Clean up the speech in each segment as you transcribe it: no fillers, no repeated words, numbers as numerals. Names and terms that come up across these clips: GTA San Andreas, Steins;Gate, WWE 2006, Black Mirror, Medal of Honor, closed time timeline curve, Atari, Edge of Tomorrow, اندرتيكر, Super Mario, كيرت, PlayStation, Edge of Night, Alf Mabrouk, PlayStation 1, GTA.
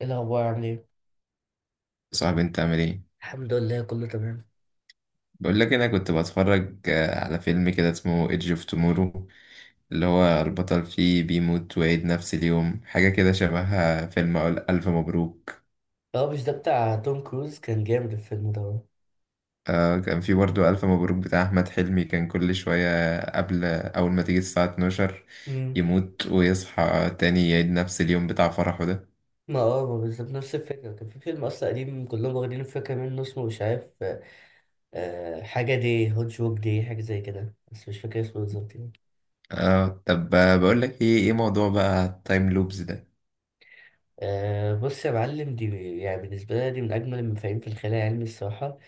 ايه الاخبار، عامل ايه؟ صاحبي انت عامل ايه؟ الحمد لله، كله تمام. بقول لك انا كنت بتفرج على فيلم كده اسمه ايدج اوف تومورو، اللي هو البطل فيه بيموت ويعيد نفس اليوم، حاجة كده شبهها فيلم ألف مبروك. اه، مش ده بتاع توم كروز؟ كان جامد الفيلم ده. آه، كان في برضه ألف مبروك بتاع أحمد حلمي، كان كل شوية قبل أول ما تيجي الساعة 12 امم. يموت ويصحى تاني يعيد نفس اليوم بتاع فرحه ده. ما بالظبط نفس الفكره، كان في فيلم اصلا قديم كلهم واخدين الفكره منه اسمه مش عارف. حاجه دي هوت جوك، دي حاجه زي كده، بس مش فاكر اسمه بالظبط يعني. اه طب، بقول لك ايه موضوع بقى التايم لوبز ده؟ بص يا معلم، دي يعني بالنسبه لي دي من اجمل المفاهيم في الخيال العلمي الصراحه.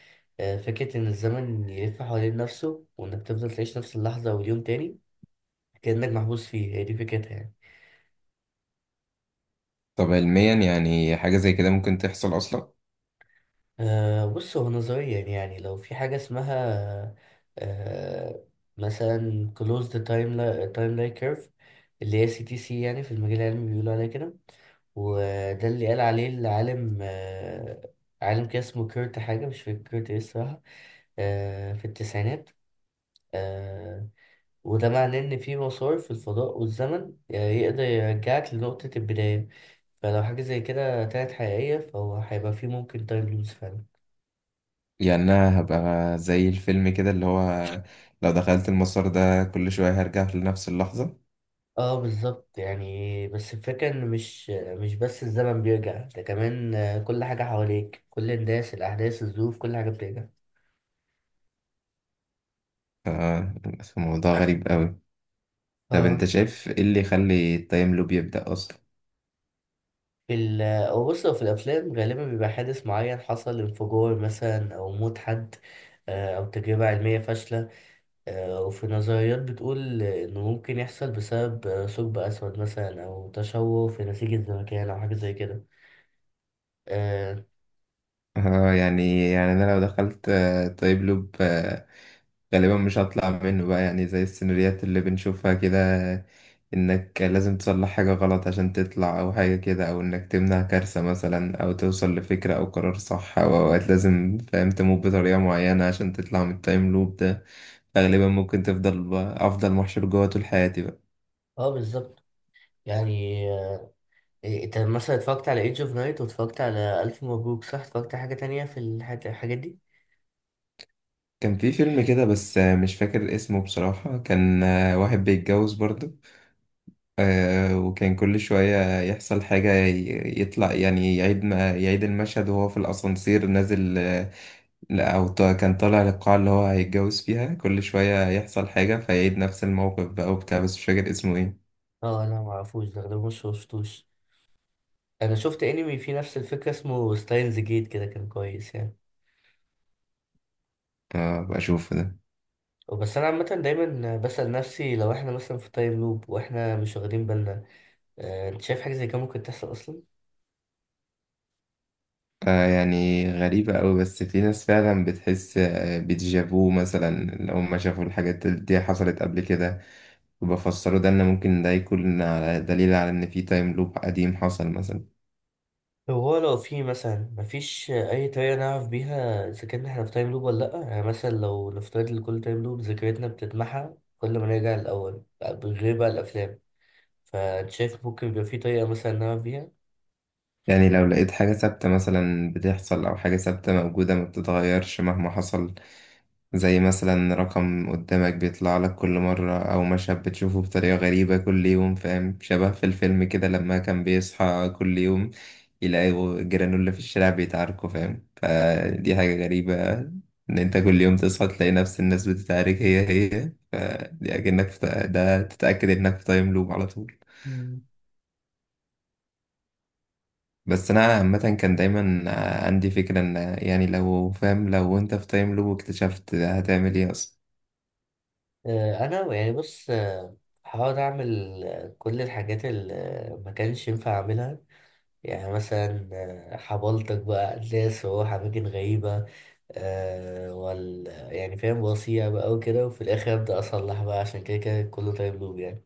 فكره ان الزمن يلف حوالين نفسه، وانك تفضل تعيش نفس اللحظه واليوم تاني، كانك محبوس فيه، هي دي فكرتها يعني. طب علميا يعني حاجة زي كده ممكن تحصل أصلا؟ بص، هو نظريا يعني لو في حاجة اسمها أه مثلا closed time timeline curve، اللي هي CTC يعني في المجال العلمي بيقولوا عليها كده. وده اللي قال عليه العالم، عالم كده اسمه كيرت حاجة، مش فاكر كيرت ايه الصراحة. في التسعينات. أه وده معناه إن في مسار في الفضاء والزمن، يقدر يرجعك لنقطة البداية. فلو حاجة زي كده طلعت حقيقية، فهو هيبقى فيه ممكن تايم لوز فعلا. يعني انا هبقى زي الفيلم كده اللي هو لو دخلت المسار ده كل شوية هرجع لنفس اللحظة. اه، بالظبط يعني، بس الفكرة ان مش بس الزمن بيرجع، ده كمان كل حاجة حواليك، كل الناس، الاحداث، الظروف، كل حاجة بترجع. ف- فموضوع غريب قوي. طب انت اه، شايف ايه اللي يخلي التايم لوب يبدأ اصلا؟ في ال او بص، هو في الافلام غالبا بيبقى حادث معين حصل، انفجار مثلا او موت حد، او تجربة علمية فاشلة، وفي نظريات بتقول انه ممكن يحصل بسبب ثقب اسود مثلا، او تشوه في نسيج الزمكان او حاجة زي كده. اه. اه، يعني انا لو دخلت تايم لوب غالبا مش هطلع منه بقى، يعني زي السيناريوهات اللي بنشوفها كده، انك لازم تصلح حاجة غلط عشان تطلع او حاجة كده، او انك تمنع كارثة مثلا او توصل لفكرة او قرار صح، او اوقات لازم فاهم تموت بطريقة معينة عشان تطلع من التايم لوب ده. غالبا ممكن تفضل بقى، افضل محشور جوه طول حياتي بقى. بالظبط يعني. إيه، انت مثلا اتفرجت على ايدج اوف نايت، واتفرجت على الف مبروك، صح؟ اتفرجت على حاجه تانية في الحاجات دي؟ كان في فيلم كده بس مش فاكر اسمه بصراحة، كان واحد بيتجوز برضه، وكان كل شوية يحصل حاجة، يطلع يعني يعيد ما يعيد المشهد وهو في الأسانسير نازل. لا، أو كان طالع للقاعة اللي هو هيتجوز فيها، كل شوية يحصل حاجة فيعيد نفس الموقف بقى وبتاع، بس مش فاكر اسمه ايه. اه، انا ما اعرفوش ده مش شفتوش. انا شفت انمي فيه نفس الفكره اسمه ستاينز جيت، كده كان كويس يعني. اه بشوفه ده. بس انا عامه دايما بسال نفسي، لو احنا مثلا في تايم لوب واحنا مش واخدين بالنا، انت شايف حاجه زي كده ممكن تحصل اصلا؟ آه يعني غريبة أوي، بس في ناس فعلا بتحس بديجافو مثلا، لو ما شافوا الحاجات دي حصلت قبل كده، وبفسروا ده إن ممكن ده يكون دليل على إن في تايم لوب قديم حصل مثلا. طب هو لو في مثلا، مفيش اي طريقه نعرف بيها اذا كنا احنا في تايم لوب ولا لا، يعني مثلا لو نفترض ان كل تايم لوب ذاكرتنا بتتمحى كل ما نرجع الاول، بغير بقى الافلام، فانت شايف ممكن يبقى في طريقة مثلا نعمل بيها؟ يعني لو لقيت حاجة ثابتة مثلا بتحصل أو حاجة ثابتة موجودة ما بتتغيرش مهما حصل، زي مثلا رقم قدامك بيطلع لك كل مرة، أو مشهد بتشوفه بطريقة غريبة كل يوم، فاهم، شبه في الفيلم كده لما كان بيصحى كل يوم يلاقوا جيرانه في الشارع بيتعاركوا، فاهم، فدي حاجة غريبة. إن أنت كل يوم تصحى تلاقي نفس الناس بتتعارك هي هي، فدي أكنك في ده تتأكد إنك في تايم لوب على طول. مم. بس انا عامه كان دايما عندي فكره ان، يعني لو فاهم لو انت في تايم لوب اكتشفت هتعمل ايه اصلا؟ انا يعني بص، هحاول اعمل كل الحاجات اللي ما كانش ينفع اعملها، يعني مثلا حبلتك بقى ناس، واروح اماكن غريبة، آه، وال يعني فاهم، وصيع بقى وكده، وفي الاخر ابدا اصلح بقى، عشان كده كده كله تايم لوب يعني.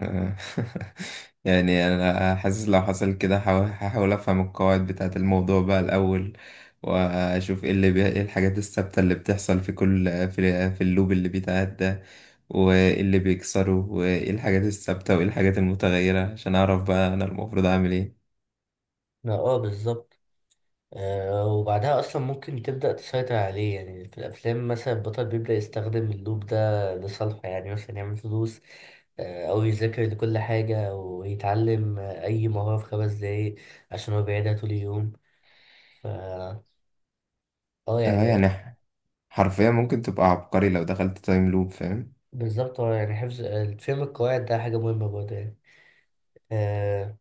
آه. يعني انا حاسس لو حصل كده هحاول افهم القواعد بتاعه الموضوع بقى الاول، واشوف ايه ايه الحاجات الثابته اللي بتحصل في كل في اللوب اللي بيتعاد ده، وايه اللي بيكسره، وايه الحاجات الثابته، وايه الحاجات المتغيره، عشان اعرف بقى انا المفروض اعمل ايه. لا، اه، بالظبط. وبعدها أصلا ممكن تبدأ تسيطر عليه، يعني في الأفلام مثلا البطل بيبدأ يستخدم اللوب ده لصالحه، يعني مثلا يعمل فلوس، أو يذاكر لكل حاجة ويتعلم أي مهارة في 5 دقايق، عشان هو بيعيدها طول اليوم. ف اه، اه يعني. يعني حرفيا ممكن تبقى عبقري لو دخلت تايم لوب فاهم. بالظبط، هو يعني حفظ آه، فهم القواعد ده حاجة مهمة برضه يعني. آه،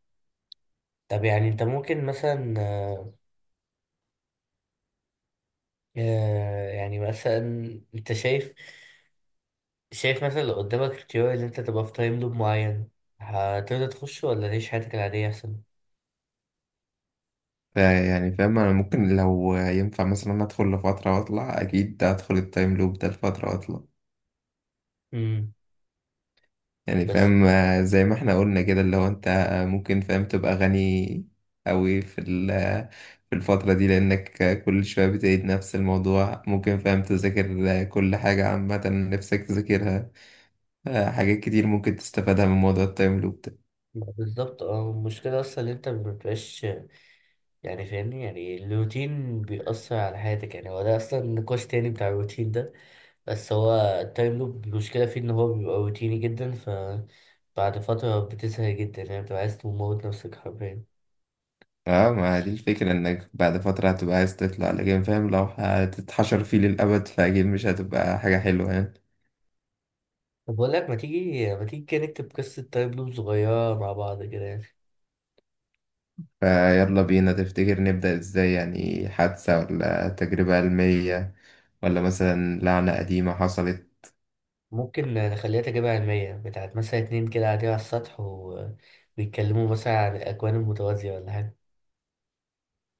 طب يعني أنت ممكن مثلا، يعني مثلا أنت شايف مثلا لو قدامك اختيار ان انت تبقى في تايم لوب معين، هتقدر تخش ولا تعيش حياتك العادية احسن؟ يعني فاهم انا ممكن لو ينفع مثلا ادخل لفترة واطلع، اكيد ادخل التايم لوب ده لفترة واطلع. امم. يعني بس، فاهم زي ما احنا قلنا كده، اللي هو انت ممكن فاهم تبقى غني قوي في في الفترة دي، لانك كل شوية بتعيد نفس الموضوع، ممكن فاهم تذاكر كل حاجة عامة نفسك تذاكرها. حاجات كتير ممكن تستفادها من موضوع التايم لوب ده. ما بالظبط المشكلة اصلا ان انت مبتبقاش، يعني فاهمني، يعني الروتين بيأثر على حياتك، يعني هو ده اصلا نقاش تاني بتاع الروتين ده، بس هو التايم لوب المشكلة فيه ان هو بيبقى روتيني جدا، بعد فترة بتزهق جدا، يعني بتبقى عايز تموت نفسك حرفيا. اه ما دي الفكرة، انك بعد فترة هتبقى عايز تطلع، لكن فاهم لو هتتحشر فيه للأبد فأكيد مش هتبقى حاجة حلوة يعني. طب بقول لك، ما تيجي كده نكتب قصة تايم لوب صغيرة مع بعض كده. فيلا بينا، تفتكر نبدأ ازاي؟ يعني حادثة ولا تجربة علمية، ولا مثلا لعنة قديمة حصلت؟ ممكن نخليها تجربة علمية بتاعت مثلا اتنين كده قاعدين على السطح، وبيتكلموا مثلا عن الأكوان المتوازية ولا حاجة.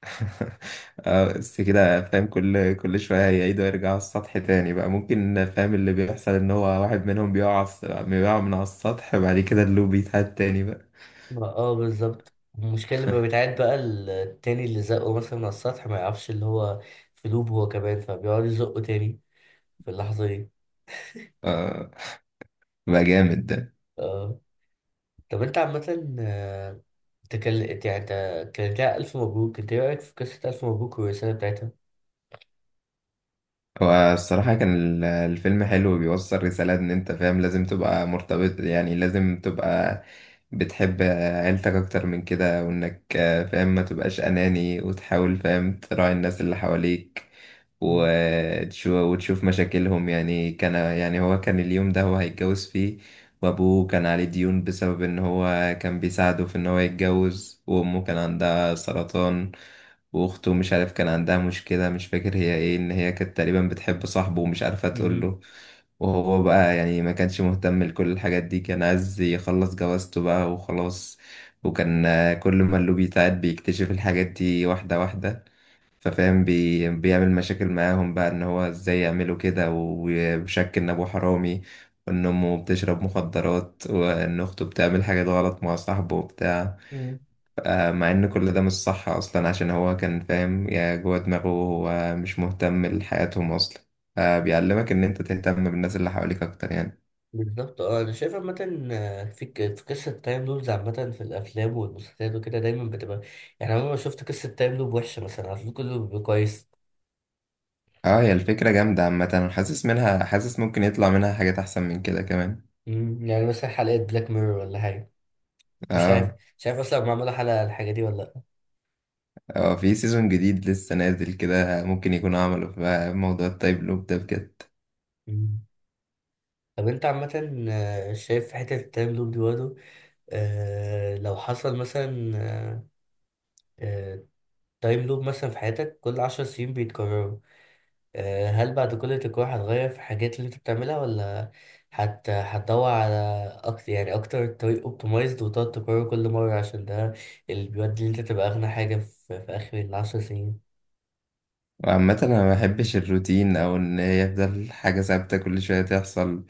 بس كده فاهم كل شوية هيعيدوا يرجعوا على السطح تاني بقى، ممكن فاهم اللي بيحصل ان هو واحد منهم بيقع على بيقع من على السطح، بعد كده اللي بيتهد تاني بقى. بالظبط، المشكلة لما بيتعاد بقى، التاني اللي زقه مثلا من على السطح ما يعرفش اللي هو في لوب هو كمان، فبيقعد يزقه تاني في اللحظة دي. آه، بقى جامد ده. اه. طب انت عامة، آه، تكل... يعني انت كانت لها ألف مبروك، انت ايه رأيك في قصة ألف مبروك والرسالة بتاعتها؟ هو الصراحة كان الفيلم حلو، وبيوصل رسالة إن أنت فاهم لازم تبقى مرتبط، يعني لازم تبقى بتحب عيلتك أكتر من كده، وإنك فاهم ما تبقاش أناني وتحاول فاهم تراعي الناس اللي حواليك، وتشوف مشاكلهم يعني. كان يعني هو كان اليوم ده هو هيتجوز فيه، وأبوه كان عليه ديون بسبب إن هو كان بيساعده في إن هو يتجوز، وأمه كان عندها سرطان، واخته مش عارف كان عندها مشكلة، مش فاكر هي ايه، ان هي كانت تقريبا بتحب صاحبه ومش عارفة تقول مم. له. وهو بقى يعني ما كانش مهتم لكل الحاجات دي، كان عايز يخلص جوازته بقى وخلاص. وكان كل ما اللي بيتعاد بيكتشف الحاجات دي واحدة واحدة، ففاهم بيعمل مشاكل معاهم بقى، ان هو ازاي يعملوا كده، وشك ان ابوه حرامي، وان امه بتشرب مخدرات، وان اخته بتعمل حاجات غلط مع صاحبه وبتاع. مم. مع ان كل ده مش صح اصلا عشان هو كان فاهم يا جوه دماغه هو مش مهتم لحياتهم اصلا. بيعلمك ان انت تهتم بالناس اللي حواليك اكتر يعني. بالظبط، اه، انا شايف عامة في قصة تايم لوبز عامة في الافلام والمسلسلات وكده دايما بتبقى، يعني عمري ما شفت قصة تايم لوب وحشة، مثلا على طول كله بيبقى كويس. اه هي الفكرة جامدة عامة، أنا حاسس منها حاسس ممكن يطلع منها حاجات احسن من كده كمان. مم، يعني مثلا حلقة بلاك ميرور ولا حاجة. مش عارف، اه، مش عارف اصلا معمولة حلقة على الحاجة دي ولا لأ. اه في سيزون جديد لسه نازل كده ممكن يكونوا عملوا في موضوع التايب لوب ده بجد. مم. طب انت عامة، شايف حتة التايم لوب دي برضه، لو حصل مثلا تايم لوب مثلا في حياتك كل 10 سنين بيتكرروا، هل بعد كل تجربة هتغير في الحاجات اللي انت بتعملها، ولا هتدور على اكتر يعني، اكتر طريق اوبتمايزد وتقعد تكرره كل مرة، عشان ده اللي بيودي ان انت تبقى اغنى حاجة في اخر الـ10 سنين. وعامة أنا ما بحبش الروتين أو إن هي يفضل حاجة ثابتة كل شوية تحصل،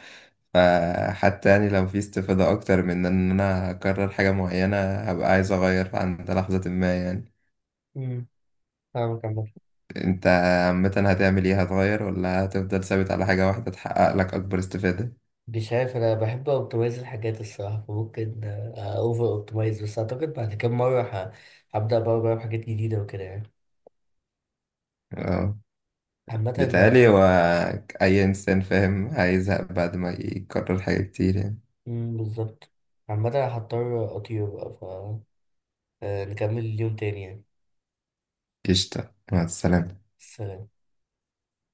فحتى يعني لو في استفادة أكتر من إن أنا أكرر حاجة معينة هبقى عايز أغير عند لحظة ما يعني. امم. فاهمك عامة. أنت عامة هتعمل إيه؟ هتغير ولا هتفضل ثابت على حاجة واحدة تحقق لك أكبر استفادة؟ مش عارف، انا بحب اوبتمايز الحاجات الصراحة، فممكن اوفر اوبتمايز، بس اعتقد بعد كام مرة هبدأ بقى بجرب حاجات جديدة وكده يعني. أه، عامة. بيتهيألي آه. هو أي إنسان فاهم هيزهق بعد ما يكرر حاجة كتير يعني. مم، بالظبط. عامة هضطر اطير بقى، نكمل اليوم تاني يعني. قشطة، مع السلامة. سلام.